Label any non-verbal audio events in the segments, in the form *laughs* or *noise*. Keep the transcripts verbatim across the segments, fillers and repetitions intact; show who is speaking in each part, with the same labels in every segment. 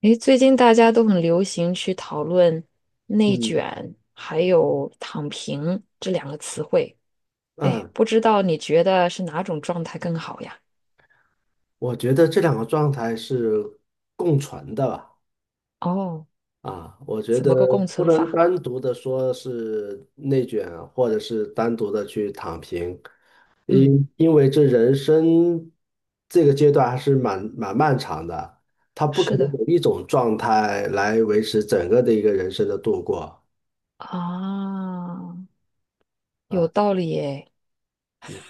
Speaker 1: 诶，最近大家都很流行去讨论"内
Speaker 2: 嗯
Speaker 1: 卷"还有"躺平"这两个词汇。诶，
Speaker 2: 嗯，
Speaker 1: 不知道你觉得是哪种状态更好呀？
Speaker 2: 我觉得这两个状态是共存的吧。
Speaker 1: 哦，
Speaker 2: 啊，我觉
Speaker 1: 怎
Speaker 2: 得
Speaker 1: 么个共
Speaker 2: 不
Speaker 1: 存
Speaker 2: 能
Speaker 1: 法？
Speaker 2: 单独的说是内卷啊，或者是单独的去躺平，
Speaker 1: 嗯，
Speaker 2: 因因为这人生这个阶段还是蛮蛮漫长的，他不可
Speaker 1: 是
Speaker 2: 能
Speaker 1: 的
Speaker 2: 有一种状态来维持整个的一个人生的度过
Speaker 1: 啊，有
Speaker 2: 啊。
Speaker 1: 道理耶。
Speaker 2: 嗯，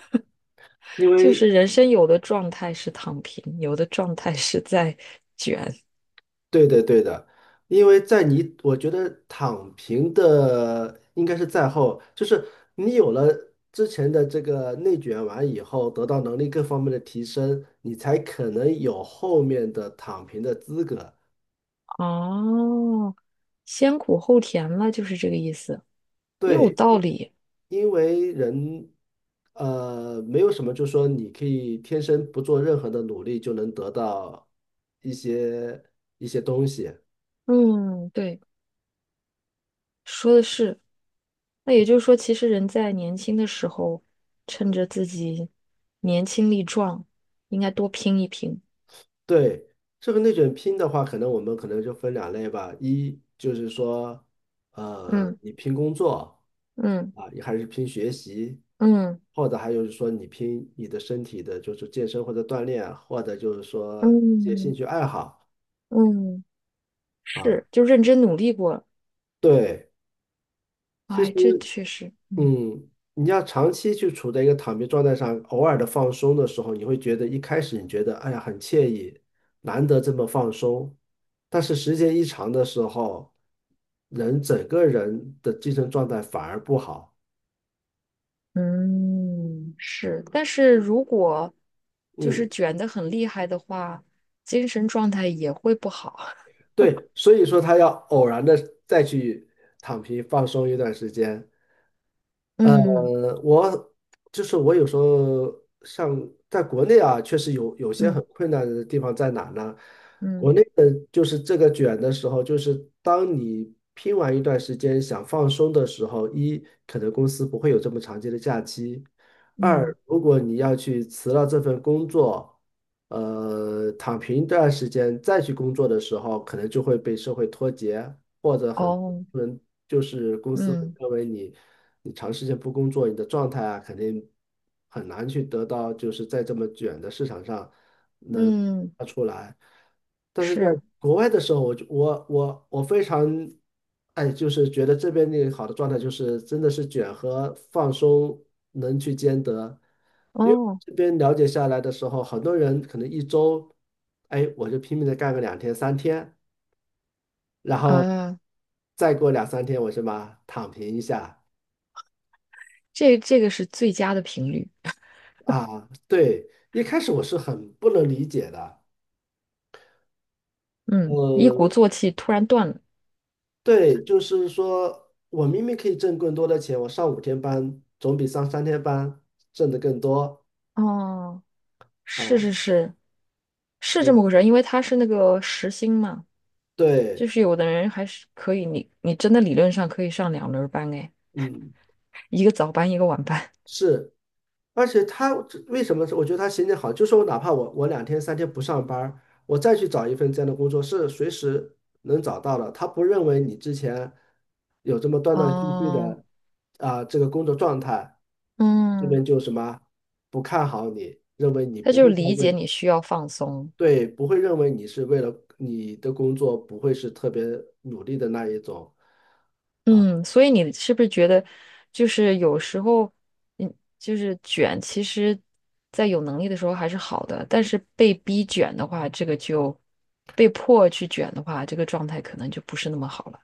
Speaker 2: 因
Speaker 1: 就
Speaker 2: 为
Speaker 1: 是人生有的状态是躺平，有的状态是在卷。
Speaker 2: 对的，对的，因为在你，我觉得躺平的应该是在后，就是你有了之前的这个内卷完以后，得到能力各方面的提升，你才可能有后面的躺平的资格。
Speaker 1: 哦，先苦后甜了，就是这个意思，也有
Speaker 2: 对，
Speaker 1: 道理。
Speaker 2: 因为人，呃，没有什么，就说你可以天生不做任何的努力就能得到一些一些东西。
Speaker 1: 嗯，对。说的是。那也就是说，其实人在年轻的时候，趁着自己年轻力壮，应该多拼一拼。
Speaker 2: 对，这个内卷拼的话，可能我们可能就分两类吧。一就是说，呃，
Speaker 1: 嗯
Speaker 2: 你拼工作
Speaker 1: 嗯
Speaker 2: 啊，你还是拼学习，
Speaker 1: 嗯
Speaker 2: 或者还有就是说你拼你的身体的，就是健身或者锻炼，或者就是说一些兴
Speaker 1: 嗯
Speaker 2: 趣爱好
Speaker 1: 嗯，
Speaker 2: 啊。
Speaker 1: 是，就认真努力过了。
Speaker 2: 对，其实。
Speaker 1: 哎，这确实，嗯
Speaker 2: 嗯，你要长期去处在一个躺平状态上，偶尔的放松的时候，你会觉得一开始你觉得哎呀很惬意，难得这么放松，但是时间一长的时候，人整个人的精神状态反而不好。
Speaker 1: 嗯是。但是如果就是
Speaker 2: 嗯，
Speaker 1: 卷的很厉害的话，精神状态也会不好。*laughs*
Speaker 2: 对，所以说他要偶然的再去躺平放松一段时间。呃，
Speaker 1: 嗯
Speaker 2: 我就是我有时候像在国内啊，确实有有些
Speaker 1: 嗯
Speaker 2: 很困难的地方在哪呢？
Speaker 1: 嗯
Speaker 2: 国内的就是这个卷的时候，就是当你拼完一段时间想放松的时候，一可能公司不会有这么长期的假期，二
Speaker 1: 嗯，
Speaker 2: 如果你要去辞了这份工作，呃，躺平一段时间再去工作的时候，可能就会被社会脱节。或者很
Speaker 1: 哦，
Speaker 2: 多人就是公司会
Speaker 1: 嗯
Speaker 2: 认为你你长时间不工作，你的状态啊肯定很难去得到，就是在这么卷的市场上能
Speaker 1: 嗯
Speaker 2: 发出来。但是在
Speaker 1: 是，
Speaker 2: 国外的时候，我就我我我非常哎，就是觉得这边那个好的状态就是真的是卷和放松能去兼得。因为
Speaker 1: 哦。
Speaker 2: 这边了解下来的时候，很多人可能一周，哎，我就拼命的干个两天三天。然后
Speaker 1: 啊，
Speaker 2: 再过两三天我什么躺平一下
Speaker 1: 这这个是最佳的频率。
Speaker 2: 啊？对，一开始我是很不能理解的，
Speaker 1: 嗯，一鼓
Speaker 2: 嗯，
Speaker 1: 作气突然断了。
Speaker 2: 对，就是说我明明可以挣更多的钱，我上五天班总比上三天班挣得更多
Speaker 1: 哦，是
Speaker 2: 啊，
Speaker 1: 是是，是这么
Speaker 2: 嗯，
Speaker 1: 回事儿。因为他是那个时薪嘛，就
Speaker 2: 对，
Speaker 1: 是有的人还是可以，你你真的理论上可以上两轮儿班哎，
Speaker 2: 嗯。
Speaker 1: 一个早班一个晚班。
Speaker 2: 是，而且他这为什么是我觉得他心情好，就是我哪怕我我两天三天不上班儿我再去找一份这样的工作，是随时能找到的。他不认为你之前有这么断断续续
Speaker 1: 哦，
Speaker 2: 的啊、这个工作状态，这
Speaker 1: 嗯，
Speaker 2: 边就什么不看好你，认为你
Speaker 1: 他
Speaker 2: 不
Speaker 1: 就是
Speaker 2: 会再
Speaker 1: 理解
Speaker 2: 为
Speaker 1: 你需要放松，
Speaker 2: 对，不会认为你是为了你的工作不会是特别努力的那一种，啊
Speaker 1: 嗯，所以你是不是觉得，就是有时候，嗯，就是卷，其实，在有能力的时候还是好的，但是被逼卷的话，这个就被迫去卷的话，这个状态可能就不是那么好了。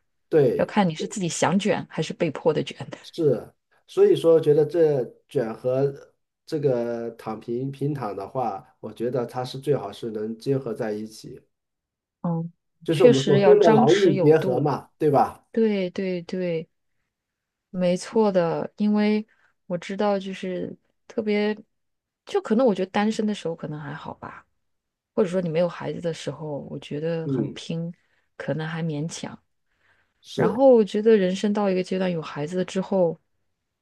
Speaker 1: 要
Speaker 2: 对。
Speaker 1: 看你是自己想卷还是被迫的卷。*laughs*
Speaker 2: 是，所以说觉得这卷和这个躺平平躺的话，我觉得它是最好是能结合在一起，
Speaker 1: 嗯，
Speaker 2: 就是我
Speaker 1: 确
Speaker 2: 们所
Speaker 1: 实
Speaker 2: 说
Speaker 1: 要
Speaker 2: 的
Speaker 1: 张
Speaker 2: 劳
Speaker 1: 弛
Speaker 2: 逸
Speaker 1: 有
Speaker 2: 结合
Speaker 1: 度。
Speaker 2: 嘛，对吧？
Speaker 1: 对对对，没错的，因为我知道，就是特别，就可能我觉得单身的时候可能还好吧。或者说你没有孩子的时候，我觉得很
Speaker 2: 嗯，
Speaker 1: 拼，可能还勉强。然
Speaker 2: 是，
Speaker 1: 后我觉得人生到一个阶段，有孩子了之后，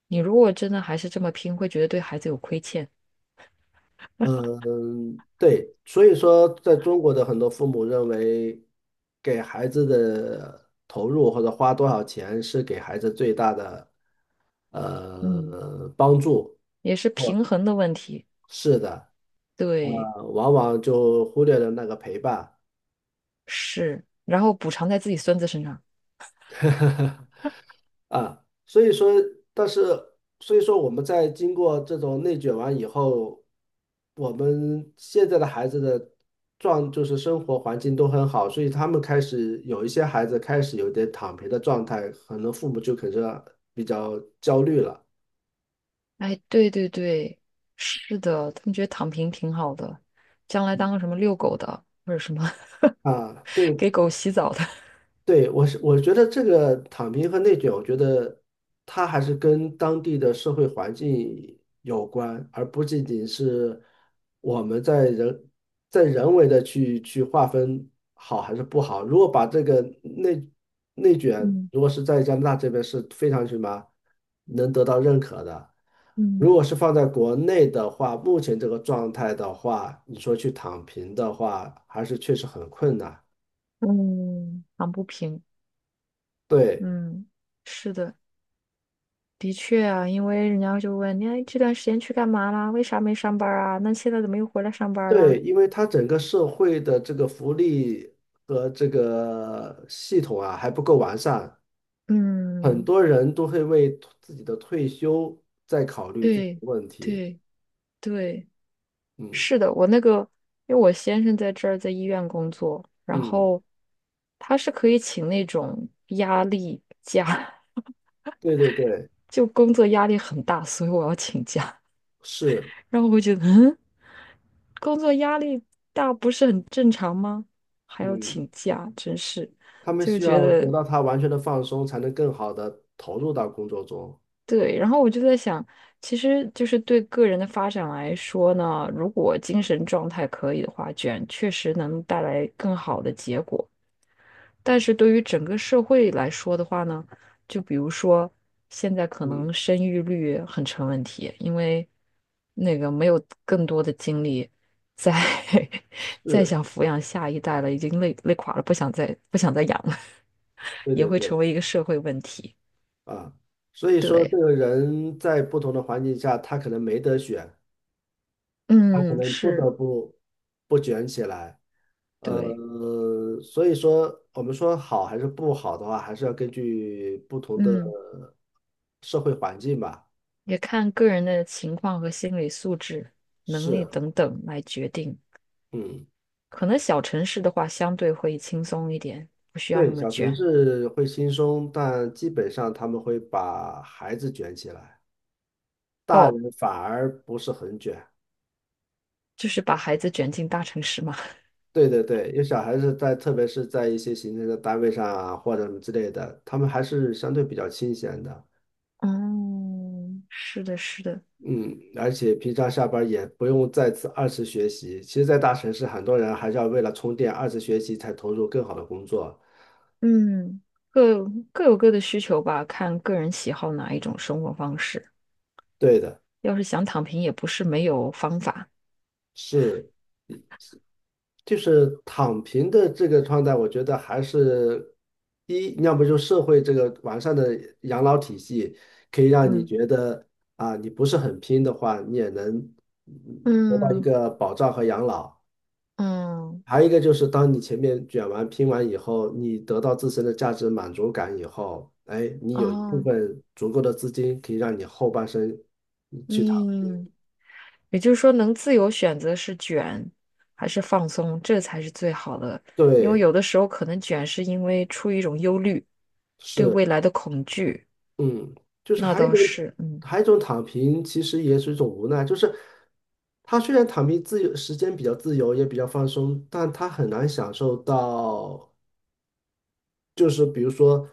Speaker 1: 你如果真的还是这么拼，会觉得对孩子有亏欠。
Speaker 2: 嗯，对，所以说在中国的很多父母认为，给孩子的投入或者花多少钱是给孩子最大的
Speaker 1: 嗯，
Speaker 2: 呃帮助，
Speaker 1: 也是平衡的问题。
Speaker 2: 是的，
Speaker 1: 对，
Speaker 2: 呃往往就忽略了那个陪伴。
Speaker 1: 是。然后补偿在自己孙子身上。
Speaker 2: *laughs* 啊，所以说，但是所以说，我们在经过这种内卷完以后，我们现在的孩子的状就是生活环境都很好，所以他们开始有一些孩子开始有点躺平的状态，可能父母就可能比较焦虑了
Speaker 1: 哎，对对对，是的，他们觉得躺平挺好的，将来当个什么遛狗的，或者什么 *laughs*
Speaker 2: 啊。对
Speaker 1: 给狗洗澡的。
Speaker 2: 对，我是我觉得这个躺平和内卷，我觉得它还是跟当地的社会环境有关，而不仅仅是我们在人在人为的去去划分好还是不好。如果把这个内内卷，
Speaker 1: 嗯
Speaker 2: 如果是在加拿大这边是非常什么能得到认可的，如
Speaker 1: 嗯
Speaker 2: 果是放在国内的话，目前这个状态的话，你说去躺平的话，还是确实很困难。
Speaker 1: 嗯，躺不平。
Speaker 2: 对。
Speaker 1: 嗯，是的，的确啊，因为人家就问你哎这段时间去干嘛啦？为啥没上班儿啊？那现在怎么又回来上班儿
Speaker 2: 对，
Speaker 1: 啦？
Speaker 2: 因为它整个社会的这个福利和这个系统啊还不够完善，很
Speaker 1: 嗯，
Speaker 2: 多人都会为自己的退休在考虑这个
Speaker 1: 对，
Speaker 2: 问题。
Speaker 1: 对，对，
Speaker 2: 嗯
Speaker 1: 是的，我那个，因为我先生在这儿在医院工作，然
Speaker 2: 嗯，
Speaker 1: 后他是可以请那种压力假，
Speaker 2: 对对对，
Speaker 1: *laughs* 就工作压力很大，所以我要请假。
Speaker 2: 是，
Speaker 1: 然后我会觉得，嗯，工作压力大不是很正常吗？还要
Speaker 2: 嗯，
Speaker 1: 请假，真是，
Speaker 2: 他们
Speaker 1: 就
Speaker 2: 需
Speaker 1: 觉
Speaker 2: 要得
Speaker 1: 得
Speaker 2: 到他完全的放松，才能更好的投入到工作中。
Speaker 1: 对。然后我就在想，其实就是对个人的发展来说呢，如果精神状态可以的话，卷确实能带来更好的结果。但是对于整个社会来说的话呢，就比如说现在可
Speaker 2: 嗯，
Speaker 1: 能生育率很成问题，因为那个没有更多的精力再 *laughs* 再
Speaker 2: 是，
Speaker 1: 想抚养下一代了，已经累累垮了，不想再不想再养了，*laughs*
Speaker 2: 对
Speaker 1: 也
Speaker 2: 对
Speaker 1: 会成
Speaker 2: 对，
Speaker 1: 为一个社会问题。
Speaker 2: 啊，所以说这
Speaker 1: 对，
Speaker 2: 个人在不同的环境下，他可能没得选，他可
Speaker 1: 嗯，
Speaker 2: 能不得
Speaker 1: 是，
Speaker 2: 不不卷起来。
Speaker 1: 对，
Speaker 2: 呃，所以说我们说好还是不好的话，还是要根据不同的
Speaker 1: 嗯，
Speaker 2: 社会环境吧。
Speaker 1: 也看个人的情况和心理素质、能力
Speaker 2: 是，
Speaker 1: 等等来决定。
Speaker 2: 嗯，
Speaker 1: 可能小城市的话，相对会轻松一点，不需要那
Speaker 2: 对，
Speaker 1: 么
Speaker 2: 小城
Speaker 1: 卷。
Speaker 2: 市会轻松，但基本上他们会把孩子卷起来，大
Speaker 1: 哦，
Speaker 2: 人反而不是很卷。
Speaker 1: 就是把孩子卷进大城市嘛。*laughs*
Speaker 2: 对对对，因为小孩子在，特别是在一些行政的单位上啊，或者什么之类的，他们还是相对比较清闲的。
Speaker 1: 嗯，是的，是的，
Speaker 2: 嗯，而且平常下班儿也不用再次二次学习。其实，在大城市，很多人还是要为了充电，二次学习才投入更好的工作。
Speaker 1: 嗯，各各有各的需求吧，看个人喜好哪一种生活方式。
Speaker 2: 对的，
Speaker 1: 要是想躺平，也不是没有方法。
Speaker 2: 是，就是躺平的这个状态，我觉得还是第一，要不就社会这个完善的养老体系，可以让你
Speaker 1: 嗯
Speaker 2: 觉得啊，你不是很拼的话，你也能嗯得到一
Speaker 1: 嗯
Speaker 2: 个保障和养老。
Speaker 1: 嗯，
Speaker 2: 还有一个就是，当你前面卷完、拼完以后，你得到自身的价值满足感以后，哎，你有一部
Speaker 1: 哦，
Speaker 2: 分足够的资金可以让你后半生去躺。
Speaker 1: 嗯，也就是说，能自由选择是卷还是放松，这才是最好的。因为
Speaker 2: 对，
Speaker 1: 有的时候可能卷是因为出于一种忧虑，对
Speaker 2: 是，
Speaker 1: 未来的恐惧，
Speaker 2: 嗯，就是
Speaker 1: 那
Speaker 2: 还有一
Speaker 1: 倒
Speaker 2: 种，
Speaker 1: 是，嗯，
Speaker 2: 还有一种躺平，其实也是一种无奈，就是他虽然躺平自由，时间比较自由，也比较放松，但他很难享受到就是比如说，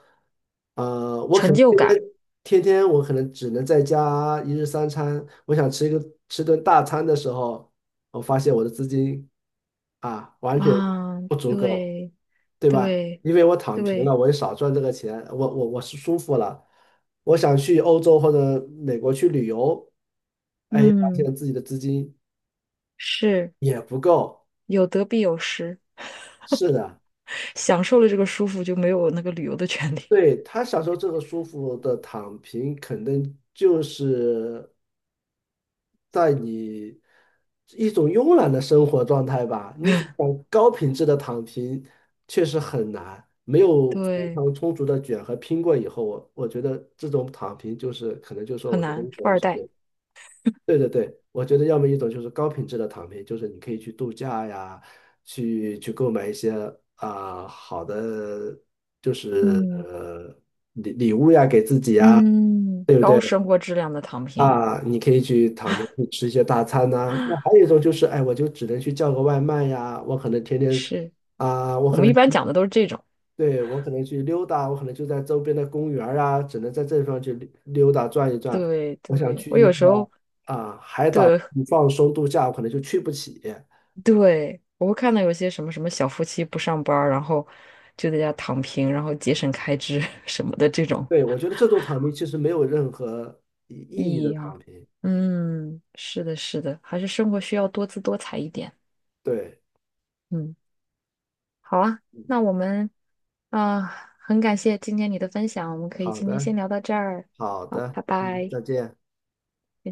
Speaker 2: 呃，我可
Speaker 1: 成
Speaker 2: 能
Speaker 1: 就
Speaker 2: 天
Speaker 1: 感。
Speaker 2: 天天天我可能只能在家一日三餐，我想吃一个吃顿大餐的时候，我发现我的资金啊完全
Speaker 1: 啊，
Speaker 2: 不足够，
Speaker 1: 对
Speaker 2: 对吧？
Speaker 1: 对
Speaker 2: 因为我躺平了，
Speaker 1: 对，
Speaker 2: 我也少赚这个钱，我我我是舒服了，我想去欧洲或者美国去旅游，哎，发
Speaker 1: 嗯，
Speaker 2: 现自己的资金
Speaker 1: 是
Speaker 2: 也不够，
Speaker 1: 有得必有失，
Speaker 2: 是的。
Speaker 1: 享受了这个舒服就没有那个旅游的权利，
Speaker 2: 对，他享受这个舒服的躺平，可能就是在你一种慵懒的生活状态吧。你可想高品质的躺平，确实很难，没有非
Speaker 1: 对，
Speaker 2: 常充足的卷和拼过以后，我我觉得这种躺平就是可能就说，
Speaker 1: 很
Speaker 2: 我觉得
Speaker 1: 难，富
Speaker 2: 我
Speaker 1: 二
Speaker 2: 是。
Speaker 1: 代，
Speaker 2: 对对对，我觉得要么一种就是高品质的躺平，就是你可以去度假呀，去去购买一些啊、好的，就是
Speaker 1: 嗯
Speaker 2: 呃礼礼物呀给自己呀，
Speaker 1: 嗯，
Speaker 2: 对不
Speaker 1: 高
Speaker 2: 对？
Speaker 1: 生活质量的躺平，
Speaker 2: 啊，你可以去躺平，去吃一些大餐呐、那
Speaker 1: 啊，
Speaker 2: 还有一种就是，哎，我就只能去叫个外卖呀，我可能天天
Speaker 1: 是
Speaker 2: 啊、我
Speaker 1: 我
Speaker 2: 可
Speaker 1: 们一
Speaker 2: 能
Speaker 1: 般讲的都是这种，
Speaker 2: 对，我可能去溜达，我可能就在周边的公园儿啊，只能在这地方去溜溜达转一转。
Speaker 1: 对
Speaker 2: 我想
Speaker 1: 对，
Speaker 2: 去
Speaker 1: 我
Speaker 2: 一
Speaker 1: 有
Speaker 2: 个
Speaker 1: 时候
Speaker 2: 啊海岛放松度假，我可能就去不起。
Speaker 1: 对我会看到有些什么什么小夫妻不上班儿然后就在家躺平，然后节省开支 *laughs* 什么的这种，
Speaker 2: 对，我觉得这种躺平其实没有任何意
Speaker 1: 意
Speaker 2: 意义的
Speaker 1: 义
Speaker 2: 躺
Speaker 1: 啊，
Speaker 2: 平。
Speaker 1: 嗯，是的，是的，还是生活需要多姿多彩一点。
Speaker 2: 对，
Speaker 1: 嗯，好啊，
Speaker 2: 嗯，
Speaker 1: 那我们啊，很感谢今天你的分享，我们可以
Speaker 2: 好
Speaker 1: 今天
Speaker 2: 的，
Speaker 1: 先聊到这儿。
Speaker 2: 好
Speaker 1: 好，
Speaker 2: 的，
Speaker 1: 拜
Speaker 2: 嗯，
Speaker 1: 拜。
Speaker 2: 再见。
Speaker 1: 再见。